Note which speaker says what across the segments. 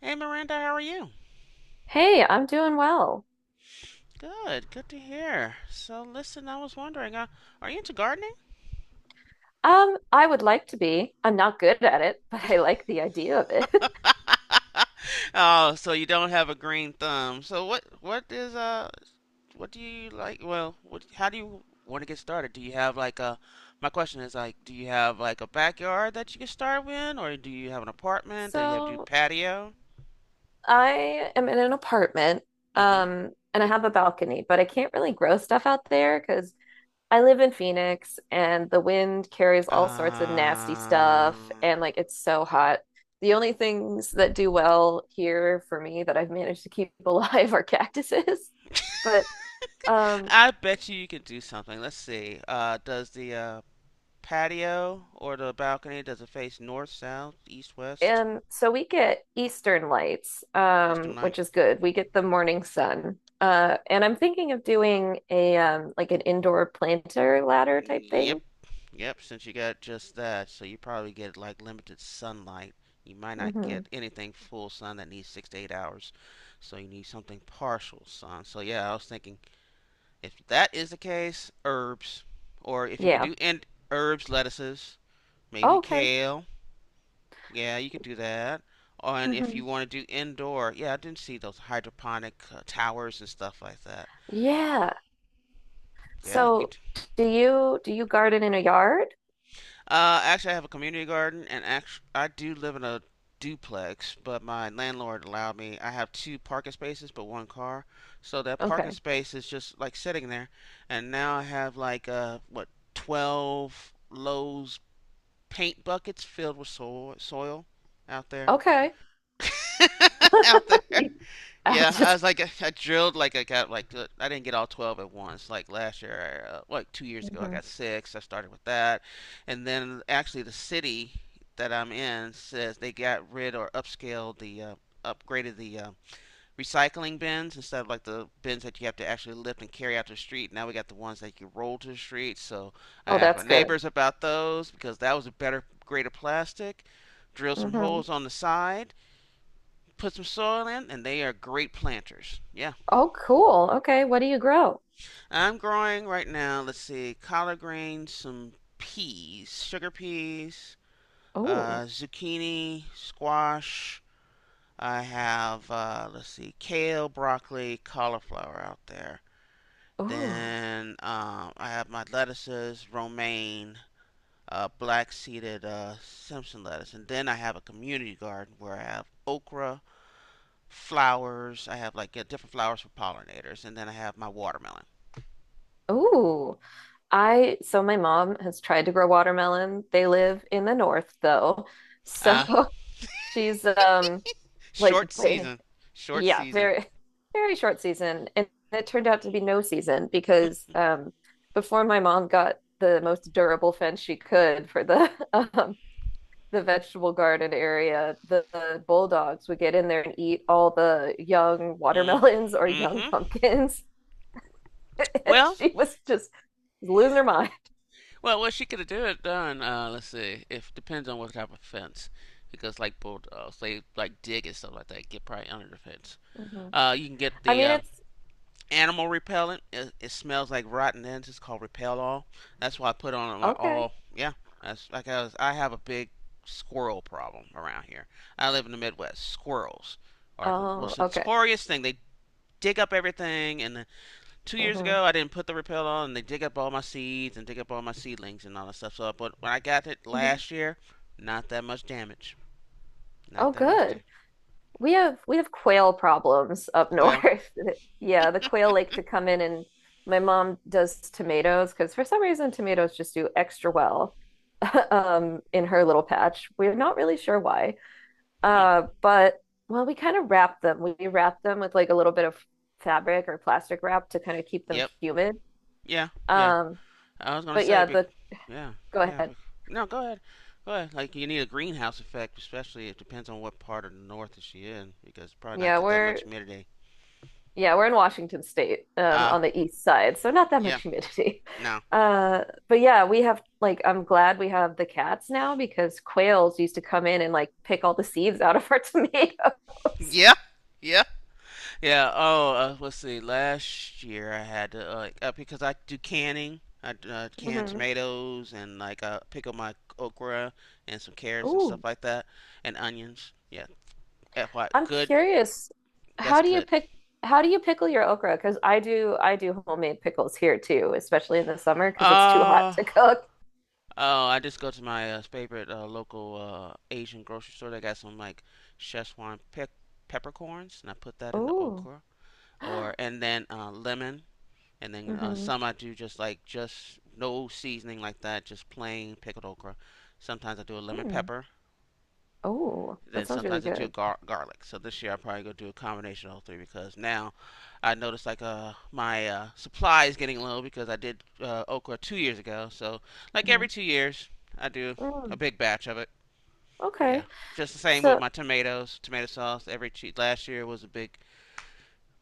Speaker 1: Hey Miranda, how are you?
Speaker 2: Hey, I'm doing well.
Speaker 1: Good, good to hear. So listen, I was wondering, are you into gardening?
Speaker 2: I would like to be. I'm not good at it, but I like the idea of it.
Speaker 1: Oh, so you don't have a green thumb. So what is what do you like? Well, what how do you want to get started? Do you have like a My question is like, do you have like a backyard that you can start with, or do you have an apartment that you have to do
Speaker 2: So
Speaker 1: patio?
Speaker 2: I am in an apartment,
Speaker 1: Mm-hmm.
Speaker 2: and I have a balcony, but I can't really grow stuff out there because I live in Phoenix and the wind carries all sorts of nasty
Speaker 1: Uh,
Speaker 2: stuff, and like it's so hot. The only things that do well here for me that I've managed to keep alive are cactuses. But um,
Speaker 1: I bet you can do something. Let's see. Does the patio or the balcony, does it face north, south, east, west,
Speaker 2: So we get Eastern lights,
Speaker 1: eastern light?
Speaker 2: which is good. We get the morning sun. And I'm thinking of doing a like an indoor planter ladder type
Speaker 1: Yep.
Speaker 2: thing.
Speaker 1: Yep, since you got just that, so you probably get like limited sunlight. You might not
Speaker 2: Hmm.
Speaker 1: get anything full sun that needs 6 to 8 hours. So you need something partial sun. So yeah, I was thinking if that is the case, herbs. Or if you could
Speaker 2: Yeah.
Speaker 1: do in herbs, lettuces, maybe
Speaker 2: Oh, okay.
Speaker 1: kale. Yeah, you could do that. And if
Speaker 2: Hmm.
Speaker 1: you want to do indoor, yeah, I didn't see those hydroponic towers and stuff like that.
Speaker 2: Yeah.
Speaker 1: Yeah, you
Speaker 2: So
Speaker 1: could.
Speaker 2: do you garden in a yard?
Speaker 1: Actually, I have a community garden, and actually, I do live in a duplex, but my landlord allowed me. I have two parking spaces, but one car. So that parking
Speaker 2: Okay.
Speaker 1: space is just like sitting there, and now I have like what 12 Lowe's paint buckets filled with soil out there,
Speaker 2: Okay.
Speaker 1: out there.
Speaker 2: I'll
Speaker 1: Yeah, I
Speaker 2: just
Speaker 1: was like I drilled like I got like I didn't get all 12 at once. Like last year, like 2 years ago I
Speaker 2: Mhm.
Speaker 1: got 6. I started with that. And then actually the city that I'm in says they got rid or upscaled the upgraded the recycling bins instead of like the bins that you have to actually lift and carry out to the street. Now we got the ones that you roll to the street. So I
Speaker 2: Oh,
Speaker 1: asked my
Speaker 2: that's good.
Speaker 1: neighbors about those because that was a better grade of plastic. Drill some
Speaker 2: Hmm.
Speaker 1: holes on the side, put some soil in, and they are great planters. Yeah.
Speaker 2: Oh, cool. Okay. What do you grow?
Speaker 1: I'm growing right now, let's see, collard greens, some peas, sugar peas,
Speaker 2: Oh,
Speaker 1: zucchini, squash. I have, let's see, kale, broccoli, cauliflower out there.
Speaker 2: oh,
Speaker 1: Then I have my lettuces, romaine, black seeded Simpson lettuce. And then I have a community garden where I have okra, flowers. I have like yeah, different flowers for pollinators, and then I have my watermelon.
Speaker 2: oh. I so my mom has tried to grow watermelon. They live in the north though. So
Speaker 1: Ah, uh,
Speaker 2: she's like
Speaker 1: Short
Speaker 2: way
Speaker 1: season, short
Speaker 2: yeah,
Speaker 1: season.
Speaker 2: very very short season. And it turned out to be no season because before my mom got the most durable fence she could for the the vegetable garden area, the bulldogs would get in there and eat all the young
Speaker 1: Mm.
Speaker 2: watermelons or young
Speaker 1: Mm-hmm.
Speaker 2: pumpkins. And
Speaker 1: Well,
Speaker 2: she was just losing her mind.
Speaker 1: well, what she could have did done. Let's see. If Depends on what type of fence, because like bulldogs, they like dig and stuff like that. Get probably under the fence.
Speaker 2: Mhm.
Speaker 1: You can get
Speaker 2: I
Speaker 1: the
Speaker 2: mean, it's
Speaker 1: animal repellent. It smells like rotten ends. It's called Repel All. That's why I put on my
Speaker 2: Okay.
Speaker 1: all. Yeah, that's like I was. I have a big squirrel problem around here. I live in the Midwest. Squirrels are the
Speaker 2: Oh,
Speaker 1: most
Speaker 2: okay.
Speaker 1: notorious thing. They dig up everything. And 2 years
Speaker 2: Hmm.
Speaker 1: ago, I didn't put the Repel on, and they dig up all my seeds and dig up all my seedlings and all that stuff. So, but when I got it
Speaker 2: Hmm.
Speaker 1: last year, not that much damage. Not
Speaker 2: Oh,
Speaker 1: that much
Speaker 2: good.
Speaker 1: damage.
Speaker 2: We have quail problems up
Speaker 1: Quail.
Speaker 2: north. Yeah, the quail like to come in and my mom does tomatoes because for some reason tomatoes just do extra well in her little patch. We're not really sure why.
Speaker 1: Hmm.
Speaker 2: But well, we kind of wrap them. We wrap them with like a little bit of fabric or plastic wrap to kind of keep them
Speaker 1: Yep.
Speaker 2: humid.
Speaker 1: Yeah. Yeah.
Speaker 2: Um,
Speaker 1: I was gonna
Speaker 2: but
Speaker 1: say,
Speaker 2: yeah,
Speaker 1: but
Speaker 2: the
Speaker 1: yeah,
Speaker 2: go
Speaker 1: yeah.
Speaker 2: ahead.
Speaker 1: No, go ahead, go ahead. Like you need a greenhouse effect, especially it depends on what part of the north is she in, because probably not
Speaker 2: Yeah,
Speaker 1: get that much
Speaker 2: we're
Speaker 1: humidity.
Speaker 2: Yeah, we're in Washington State,
Speaker 1: Ah, uh,
Speaker 2: on the east side, so not that
Speaker 1: yeah,
Speaker 2: much humidity.
Speaker 1: no,
Speaker 2: But yeah, we have like I'm glad we have the cats now because quails used to come in and like pick all the seeds out of our tomatoes.
Speaker 1: yeah, yeah, yeah. Oh, let's see. Last year I had to because I do canning. I can
Speaker 2: Hmm.
Speaker 1: tomatoes and like pickle my okra and some carrots and
Speaker 2: Ooh,
Speaker 1: stuff like that, and onions. Yeah, FY,
Speaker 2: I'm
Speaker 1: good.
Speaker 2: curious.
Speaker 1: That's
Speaker 2: How do you
Speaker 1: good.
Speaker 2: pick how do you pickle your okra? Because I do homemade pickles here too, especially in the summer because it's too hot
Speaker 1: Uh,
Speaker 2: to cook.
Speaker 1: Oh, I just go to my favorite local Asian grocery store. They got some like Szechuan peppercorns, and I put that in the
Speaker 2: Ooh.
Speaker 1: okra, or and then lemon, and then
Speaker 2: Mm-hmm.
Speaker 1: some I do just like just no seasoning like that, just plain pickled okra. Sometimes I do a lemon
Speaker 2: Mm.
Speaker 1: pepper,
Speaker 2: Oh,
Speaker 1: then
Speaker 2: that sounds really
Speaker 1: sometimes I do
Speaker 2: good.
Speaker 1: garlic. So this year I'm probably gonna do a combination of all three because now I noticed like my supply is getting low because I did okra 2 years ago. So like every
Speaker 2: Hmm.
Speaker 1: 2 years I do a
Speaker 2: Mm.
Speaker 1: big batch of it. Yeah.
Speaker 2: Okay.
Speaker 1: Just the same with
Speaker 2: So
Speaker 1: my tomatoes, tomato sauce. Last year was a big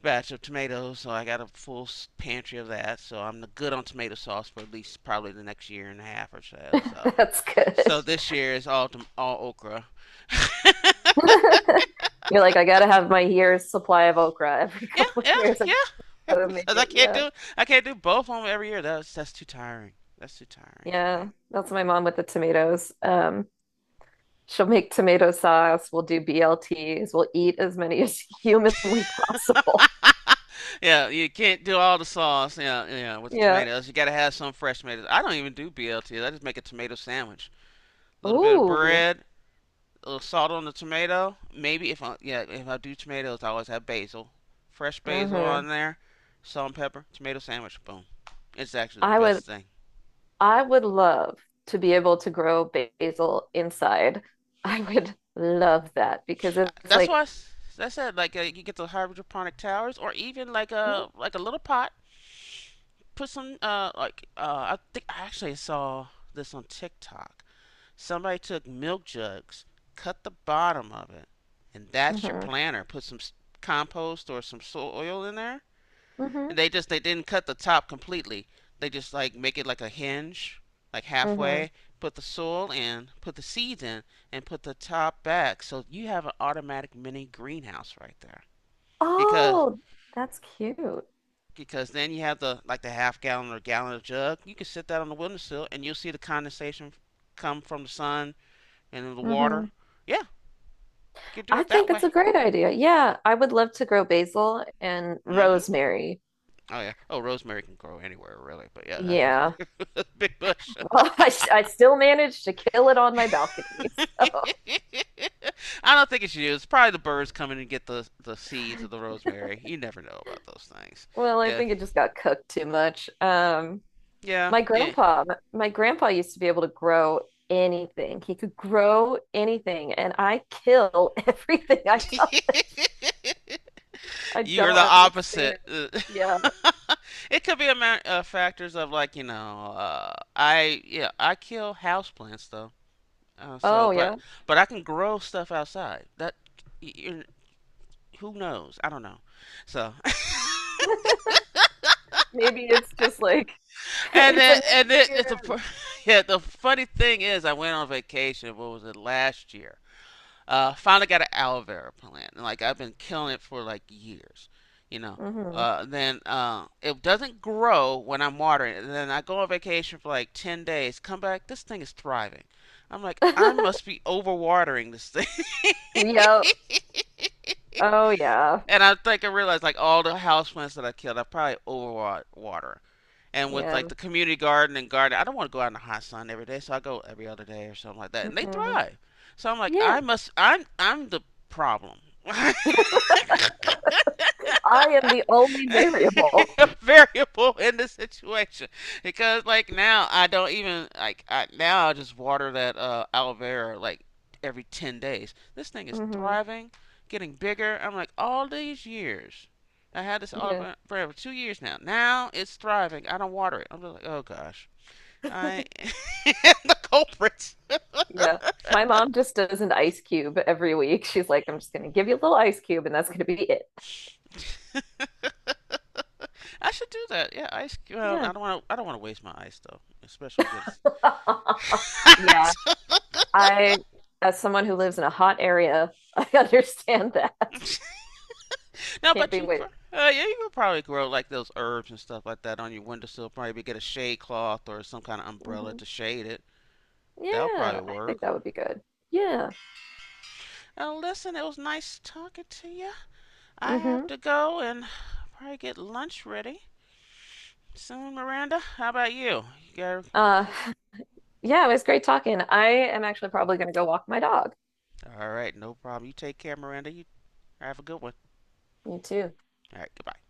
Speaker 1: batch of tomatoes, so I got a full pantry of that. So I'm good on tomato sauce for at least probably the next year and a half or so. So,
Speaker 2: that's good.
Speaker 1: so this year is all okra.
Speaker 2: You're like, I gotta have my year's supply of okra every
Speaker 1: Yeah,
Speaker 2: couple of
Speaker 1: yeah,
Speaker 2: years. I
Speaker 1: yeah.
Speaker 2: gotta make
Speaker 1: Because I
Speaker 2: it.
Speaker 1: can't
Speaker 2: Yeah.
Speaker 1: do I can't do both of them every year. That's too tiring. That's too tiring for me.
Speaker 2: Yeah. That's my mom with the tomatoes. She'll make tomato sauce. We'll do BLTs. We'll eat as many as humanly possible.
Speaker 1: Yeah, you can't do all the sauce. Yeah, yeah, with the
Speaker 2: Yeah.
Speaker 1: tomatoes. You gotta have some fresh tomatoes. I don't even do BLTs. I just make a tomato sandwich. A little bit of
Speaker 2: Ooh.
Speaker 1: bread, a little salt on the tomato. Maybe if I do tomatoes, I always have basil, fresh basil
Speaker 2: Hmm.
Speaker 1: on there, salt and pepper, tomato sandwich. Boom. It's actually the
Speaker 2: I would
Speaker 1: best thing.
Speaker 2: I would love to be able to grow basil inside. I would love that because it's
Speaker 1: That's why I
Speaker 2: like
Speaker 1: s- I said like you get the hydroponic towers or even like
Speaker 2: mm-hmm,
Speaker 1: a like a little pot. Put some like I think I actually saw this on TikTok. Somebody took milk jugs, cut the bottom of it, and that's your
Speaker 2: mm-hmm,
Speaker 1: planter. Put some compost or some soil in there, and they didn't cut the top completely. They just like make it like a hinge, like
Speaker 2: mm-hmm.
Speaker 1: halfway. Put the soil in, put the seeds in, and put the top back. So you have an automatic mini greenhouse right there. Because
Speaker 2: Oh, that's cute.
Speaker 1: because then you have the like the half gallon or gallon jug. You can sit that on the windowsill and you'll see the condensation come from the sun and the water.
Speaker 2: Hmm.
Speaker 1: Yeah, you can do
Speaker 2: I
Speaker 1: it that
Speaker 2: think that's
Speaker 1: way.
Speaker 2: a great idea. Yeah, I would love to grow basil and
Speaker 1: Hmm.
Speaker 2: rosemary.
Speaker 1: Oh yeah. Oh, rosemary can grow anywhere really, but yeah, that's a
Speaker 2: Yeah.
Speaker 1: big, big bush.
Speaker 2: Well, I still managed to kill it on my balcony. So,
Speaker 1: I don't think it's you. It's probably the birds coming and get the seeds of the rosemary. You never know about those things.
Speaker 2: well, I
Speaker 1: Yeah,
Speaker 2: think it just got cooked too much.
Speaker 1: yeah,
Speaker 2: My
Speaker 1: yeah.
Speaker 2: grandpa, my grandpa used to be able to grow anything. He could grow anything, and I kill everything. I
Speaker 1: You are
Speaker 2: don't
Speaker 1: the opposite.
Speaker 2: understand. Yeah.
Speaker 1: It could be a factors of like I yeah, I kill houseplants though. So,
Speaker 2: Oh,
Speaker 1: but
Speaker 2: yeah.
Speaker 1: but I can grow stuff outside. That you, who knows? I don't know. So.
Speaker 2: Maybe it's just like
Speaker 1: And
Speaker 2: it's a
Speaker 1: then, and then it's a,
Speaker 2: mixture.
Speaker 1: yeah, the funny thing is, I went on vacation. What was it last year? Finally got an aloe vera plant, and like I've been killing it for like years, you know.
Speaker 2: Hmm.
Speaker 1: Then it doesn't grow when I'm watering it. And then I go on vacation for like 10 days. Come back, this thing is thriving. I'm like, I must be overwatering this thing.
Speaker 2: Yep. Oh yeah.
Speaker 1: And I think I realized like all the houseplants that I killed, I probably overwater, and with
Speaker 2: Yeah.
Speaker 1: like the community garden and garden, I don't want to go out in the hot sun every day, so I go every other day or something like that, and they
Speaker 2: Hmm.
Speaker 1: thrive. So I'm like,
Speaker 2: Yeah.
Speaker 1: I must I'm the problem.
Speaker 2: I am the only variable.
Speaker 1: A variable in the situation, because like now I don't even now I just water that aloe vera like every 10 days. This thing is
Speaker 2: Hmm.
Speaker 1: thriving, getting bigger. I'm like, all these years I had this all
Speaker 2: Yeah.
Speaker 1: for 2 years. Now it's thriving, I don't water it. I'm just like, oh gosh, I am the culprits.
Speaker 2: Yeah. My mom just does an ice cube every week. She's like, I'm just gonna give you a little ice cube and that's gonna be it.
Speaker 1: I should do that. Yeah, ice. Well,
Speaker 2: Yeah.
Speaker 1: I don't want to. I don't want to waste my ice though, especially when
Speaker 2: Yeah.
Speaker 1: it
Speaker 2: I, as someone who lives in a hot area, I understand that.
Speaker 1: gets. No,
Speaker 2: Can't
Speaker 1: but
Speaker 2: be
Speaker 1: you,
Speaker 2: wait.
Speaker 1: yeah, you could probably grow like those herbs and stuff like that on your windowsill. Probably get a shade cloth or some kind of umbrella to
Speaker 2: Hmm.
Speaker 1: shade it. That'll
Speaker 2: Yeah,
Speaker 1: probably
Speaker 2: I
Speaker 1: work.
Speaker 2: think that would be good. Yeah.
Speaker 1: Now, listen, it was nice talking to you. I have
Speaker 2: Hmm.
Speaker 1: to go and probably get lunch ready soon, Miranda. How about you? You got
Speaker 2: Uh,
Speaker 1: some?
Speaker 2: yeah, it was great talking. I am actually probably going to go walk my dog.
Speaker 1: All right, no problem. You take care, Miranda. You have a good one.
Speaker 2: You too.
Speaker 1: All right, goodbye.